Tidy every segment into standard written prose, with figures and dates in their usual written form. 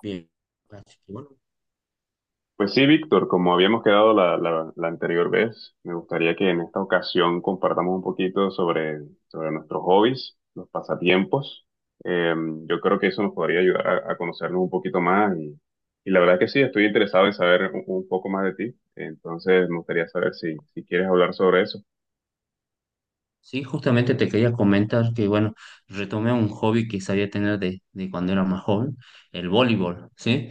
Bien, así que Pues sí, Víctor, como habíamos quedado la anterior vez, me gustaría que en esta ocasión compartamos un poquito sobre, sobre nuestros hobbies, los pasatiempos. Eh, yo creo que eso nos podría ayudar a conocernos un poquito más y la verdad que sí, estoy interesado en saber un poco más de ti. Entonces, me gustaría saber si, si quieres hablar sobre eso. sí, justamente te quería comentar que, bueno, retomé un hobby que sabía tener de cuando era más joven, el voleibol, ¿sí?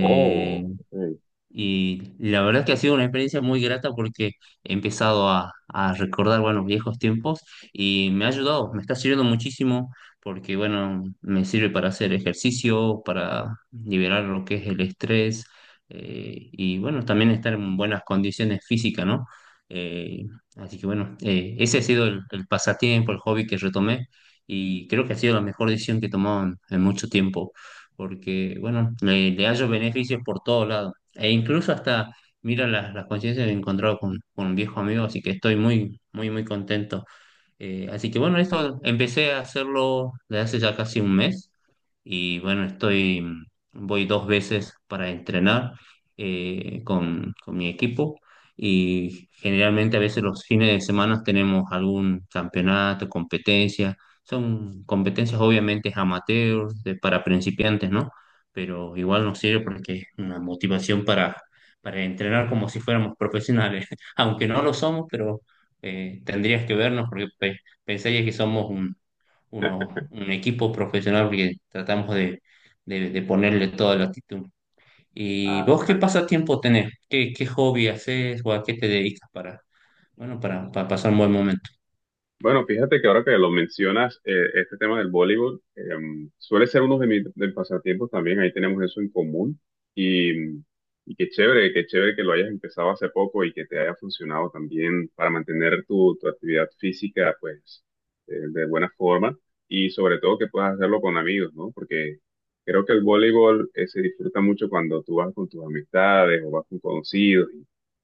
Oh, ok. Y la verdad que ha sido una experiencia muy grata porque he empezado a recordar, bueno, viejos tiempos y me ha ayudado, me está sirviendo muchísimo porque, bueno, me sirve para hacer ejercicio, para liberar lo que es el estrés y, bueno, también estar en buenas condiciones físicas, ¿no? Eh, Ese ha sido el pasatiempo, el hobby que retomé, y creo que ha sido la mejor decisión que he tomado en mucho tiempo porque, bueno, le hallo beneficios por todos lados. E incluso hasta, mira, las coincidencias, me he encontrado con un viejo amigo, así que estoy muy, muy, muy contento. Así que bueno, esto empecé a hacerlo desde hace ya casi un mes y bueno, voy dos veces para entrenar con mi equipo, y generalmente a veces los fines de semana tenemos algún campeonato, competencia. Son competencias obviamente amateur, para principiantes, ¿no? Pero igual nos sirve porque es una motivación para entrenar como si fuéramos profesionales, aunque no lo somos, pero tendrías que vernos porque pensarías que somos un equipo profesional porque tratamos de ponerle toda la actitud. ¿Y Ah, vos qué pasatiempo tenés? ¿Qué, qué hobby haces o a qué te dedicas para, bueno, para pasar un buen momento? bueno, fíjate que ahora que lo mencionas, este tema del voleibol suele ser uno de mis pasatiempos también, ahí tenemos eso en común y, y qué chévere que lo hayas empezado hace poco y que te haya funcionado también para mantener tu, tu actividad física pues de buena forma y sobre todo que puedas hacerlo con amigos, ¿no? Porque creo que el voleibol se disfruta mucho cuando tú vas con tus amistades o vas con conocidos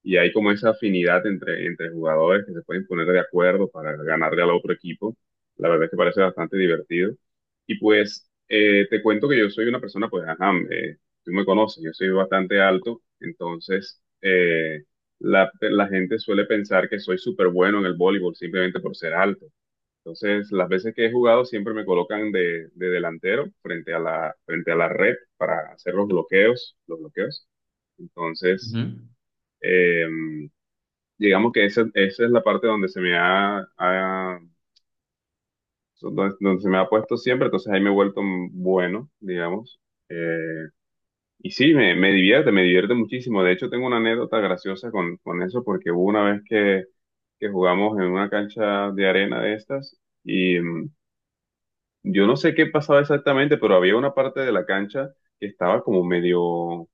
y hay como esa afinidad entre, entre jugadores que se pueden poner de acuerdo para ganarle al otro equipo. La verdad es que parece bastante divertido. Y pues te cuento que yo soy una persona, pues, ajá, tú me conoces, yo soy bastante alto, entonces la, la gente suele pensar que soy súper bueno en el voleibol simplemente por ser alto. Entonces, las veces que he jugado siempre me colocan de delantero frente a la red para hacer los bloqueos, los bloqueos. Ujú. Entonces, em, digamos que esa es la parte donde se me ha, ha- donde, donde se me ha puesto siempre, entonces ahí me he vuelto un bueno, digamos. Eh, y sí, me, me divierte muchísimo. De hecho, tengo una anécdota graciosa con eso, porque hubo una vez que jugamos en una cancha de arena de estas y yo no sé qué pasaba exactamente, pero había una parte de la cancha que estaba como medio,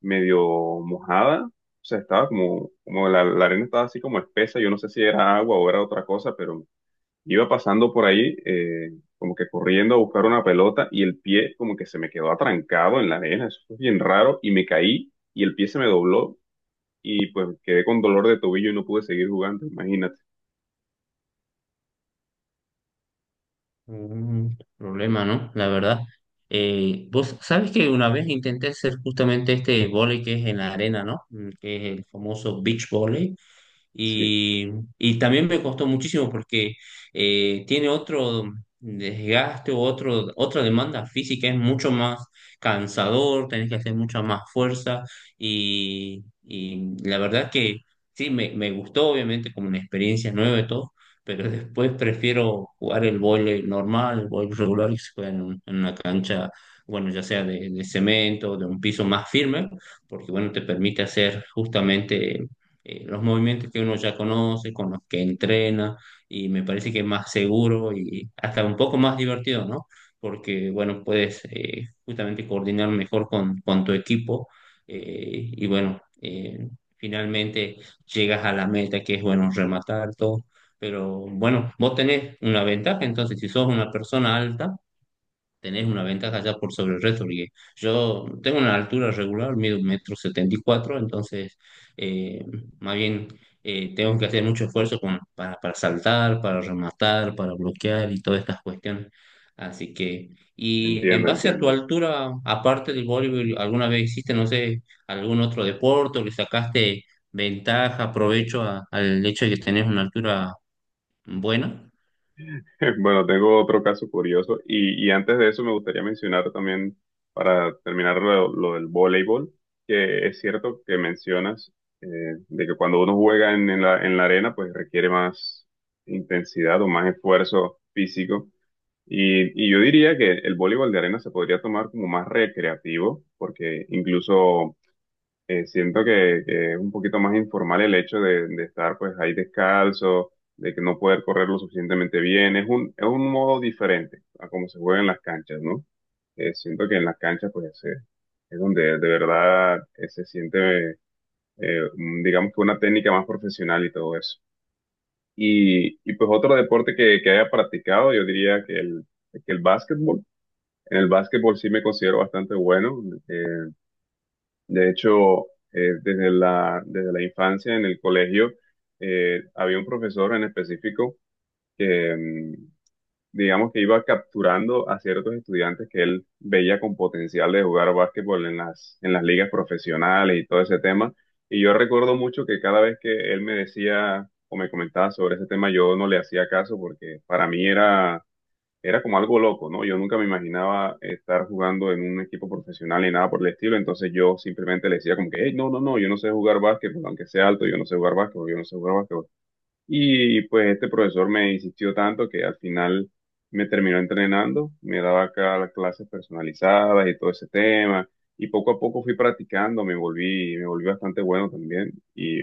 medio mojada. O sea, estaba como, como la arena estaba así como espesa, yo no sé si era agua o era otra cosa, pero iba pasando por ahí, como que corriendo a buscar una pelota y el pie como que se me quedó atrancado en la arena, eso fue bien raro y me caí y el pie se me dobló y pues quedé con dolor de tobillo y no pude seguir jugando, imagínate. Un problema, ¿no? La verdad. Vos sabés que una vez intenté hacer justamente este vóley que es en la arena, ¿no? Mm, que es el famoso beach volley. Sí, Y, y también me costó muchísimo porque tiene otro desgaste o otra demanda física, es mucho más cansador, tenés que hacer mucha más fuerza y la verdad que sí, me gustó obviamente como una experiencia nueva y todo, pero después prefiero jugar el vóley normal, el vóley regular que se juega en una cancha, bueno, ya sea de cemento, de un piso más firme, porque bueno, te permite hacer justamente los movimientos que uno ya conoce, con los que entrena, y me parece que es más seguro y hasta un poco más divertido, ¿no? Porque, bueno, puedes justamente coordinar mejor con tu equipo eh, y, bueno, eh, finalmente llegas a la meta que es, bueno, rematar todo. Pero bueno, vos tenés una ventaja, entonces si sos una persona alta, tenés una ventaja ya por sobre el resto, porque yo tengo una altura regular, mido un metro 74. Eh, Más bien tengo que hacer mucho esfuerzo para saltar, para rematar, para bloquear y todas estas cuestiones. Así que, y en entiendo, base a tu entiendo. altura, aparte del voleibol, ¿alguna vez hiciste, no sé, algún otro deporte o le sacaste ventaja, provecho al hecho de que tenés una altura buena? Bueno, tengo otro caso curioso y antes de eso me gustaría mencionar también, para terminar lo del voleibol, que es cierto que mencionas eh, de que cuando uno juega en la arena, pues requiere más intensidad o más esfuerzo físico. Y yo diría que el voleibol de arena se podría tomar como más recreativo, porque incluso siento que es un poquito más informal el hecho de estar pues ahí descalzo, de que no poder correr lo suficientemente bien. Es un modo diferente a cómo se juega en las canchas, ¿no? Siento que en las canchas pues es donde de verdad se siente, digamos que una técnica más profesional y todo eso. Y pues otro deporte que haya practicado, yo diría que el básquetbol. En el básquetbol sí me considero bastante bueno. eh, de hecho, desde la infancia en el colegio, había un profesor en específico que, digamos que iba capturando a ciertos estudiantes que él veía con potencial de jugar básquetbol en las ligas profesionales y todo ese tema. Y yo recuerdo mucho que cada vez que él me decía o me comentaba sobre ese tema, yo no le hacía caso porque para mí era como algo loco, ¿no? Yo nunca me imaginaba estar jugando en un equipo profesional ni nada por el estilo, entonces yo simplemente le decía como que, hey, no, no, no, yo no sé jugar básquetbol, aunque sea alto, yo no sé jugar básquetbol, yo no sé jugar básquetbol. Y pues este profesor me insistió tanto que al final me terminó entrenando, me daba acá las clases personalizadas y todo ese tema, y poco a poco fui practicando, me volví bastante bueno también, y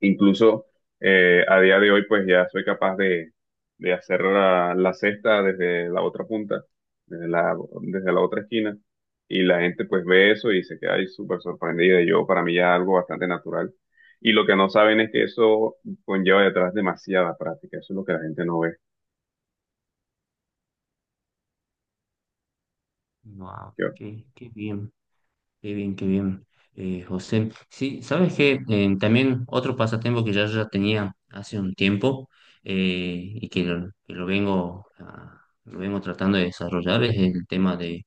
incluso a día de hoy, pues ya soy capaz de hacer la, la cesta desde la otra punta, desde la, desde la otra esquina. Y la gente pues ve eso y se queda ahí súper sorprendida. Y yo, para mí ya es algo bastante natural. Y lo que no saben es que eso conlleva detrás demasiada práctica. Eso es lo que la gente no ve. Wow, Yo- qué, qué bien. Qué bien, qué bien, José. Sí, sabes que también otro pasatiempo que ya tenía hace un tiempo y que lo vengo, lo vengo tratando de desarrollar es el tema de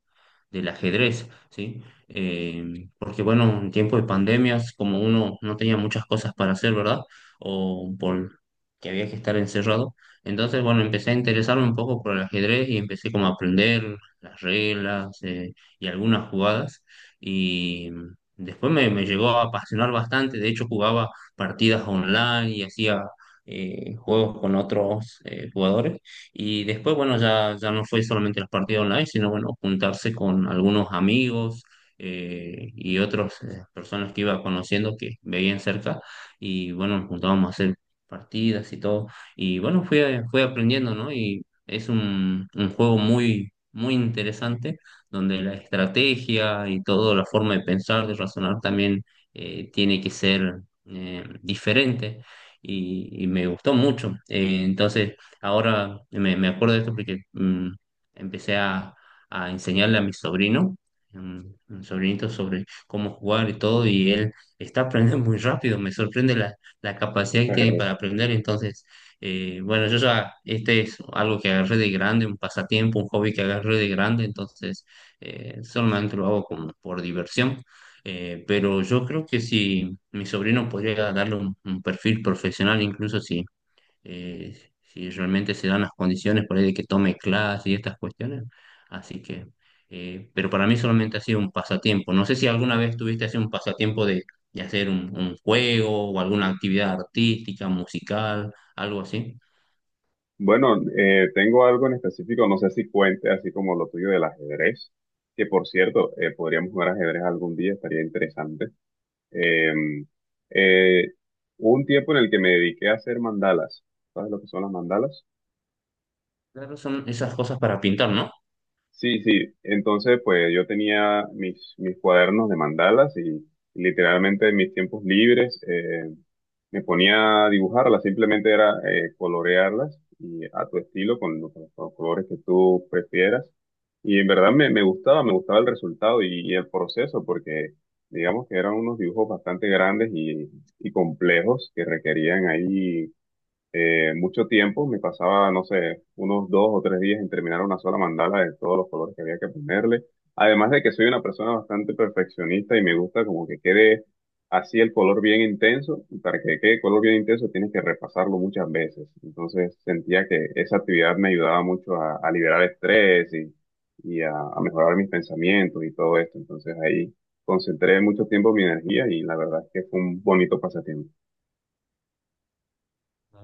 del ajedrez, ¿sí? Porque bueno, en tiempo de pandemias, como uno no tenía muchas cosas para hacer, ¿verdad? O por que había que estar encerrado. Entonces, bueno, empecé a interesarme un poco por el ajedrez y empecé como a aprender las reglas y algunas jugadas. Y después me llegó a apasionar bastante. De hecho, jugaba partidas online y hacía juegos con otros jugadores. Y después, bueno, ya no fue solamente los partidos online, sino bueno, juntarse con algunos amigos y otras personas que iba conociendo que veían cerca. Y bueno, nos juntábamos a hacer partidas y todo. Y bueno, fui aprendiendo, ¿no? Y es un juego muy, muy interesante, donde la estrategia y toda la forma de pensar, de razonar también tiene que ser diferente. Y me gustó mucho. Entonces, ahora me acuerdo de esto porque mm, empecé a enseñarle a mi sobrino, mm, un sobrinito, sobre cómo jugar y todo, y él está aprendiendo muy rápido, me sorprende la capacidad que tiene para aprender. Entonces, bueno, yo ya, este es algo que agarré de grande, un pasatiempo, un hobby que agarré de grande. Entonces, solamente lo hago como por diversión. Pero yo creo que si mi sobrino podría darle un perfil profesional, incluso eh, si realmente se dan las condiciones por ahí de que tome clases y estas cuestiones. Así que, pero para mí solamente ha sido un pasatiempo. No sé si alguna vez tuviste así un pasatiempo de hacer un juego o alguna actividad artística, musical, algo así. Bueno, tengo algo en específico, no sé si cuente así como lo tuyo del ajedrez, que por cierto, podríamos jugar ajedrez algún día, estaría interesante. Eh, eh, Hubo un tiempo en el que me dediqué a hacer mandalas. ¿Sabes lo que son las mandalas? Claro, son esas cosas para pintar, ¿no? Sí, sí. Entonces, pues yo tenía mis, mis cuadernos de mandalas y literalmente en mis tiempos libres. Me ponía a dibujarlas, simplemente era colorearlas y a tu estilo, con los colores que tú prefieras. Y en verdad me, me gustaba el resultado y el proceso, porque digamos que eran unos dibujos bastante grandes y complejos que requerían ahí mucho tiempo, me pasaba, no sé, unos dos o tres días en terminar una sola mandala de todos los colores que había que ponerle. Además de que soy una persona bastante perfeccionista y me gusta como que quede así el color bien intenso, y para que quede color bien intenso tienes que repasarlo muchas veces. Entonces sentía que esa actividad me ayudaba mucho a liberar estrés y a mejorar mis pensamientos y todo esto. Entonces ahí concentré mucho tiempo mi energía y la verdad es que fue un bonito pasatiempo.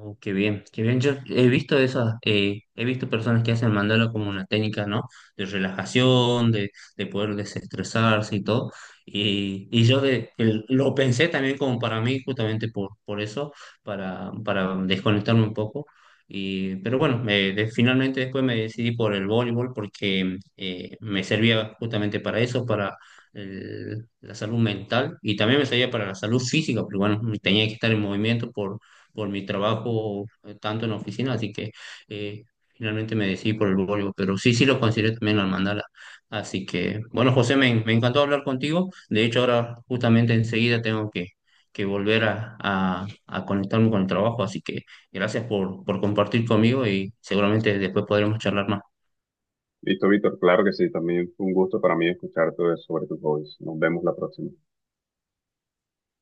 Oh, qué bien, qué bien. Yo he visto esas, he visto personas que hacen mandala como una técnica, ¿no? De relajación, de poder desestresarse y todo. Y yo lo pensé también como para mí, justamente por eso, para desconectarme un poco. Y, pero bueno, finalmente después me decidí por el voleibol porque me servía justamente para eso, para la salud mental, y también me servía para la salud física, porque bueno, tenía que estar en movimiento por mi trabajo tanto en la oficina, así que eh, finalmente me decidí por el Volvo, pero sí, sí lo consideré también al mandala. Así que, bueno, José, me encantó hablar contigo. De hecho, ahora justamente enseguida tengo que volver a conectarme con el trabajo, así que gracias por compartir conmigo y seguramente después podremos charlar más. Listo, Víctor, claro que sí, también fue un gusto para mí escuchar todo eso sobre tus hobbies. Nos vemos la próxima.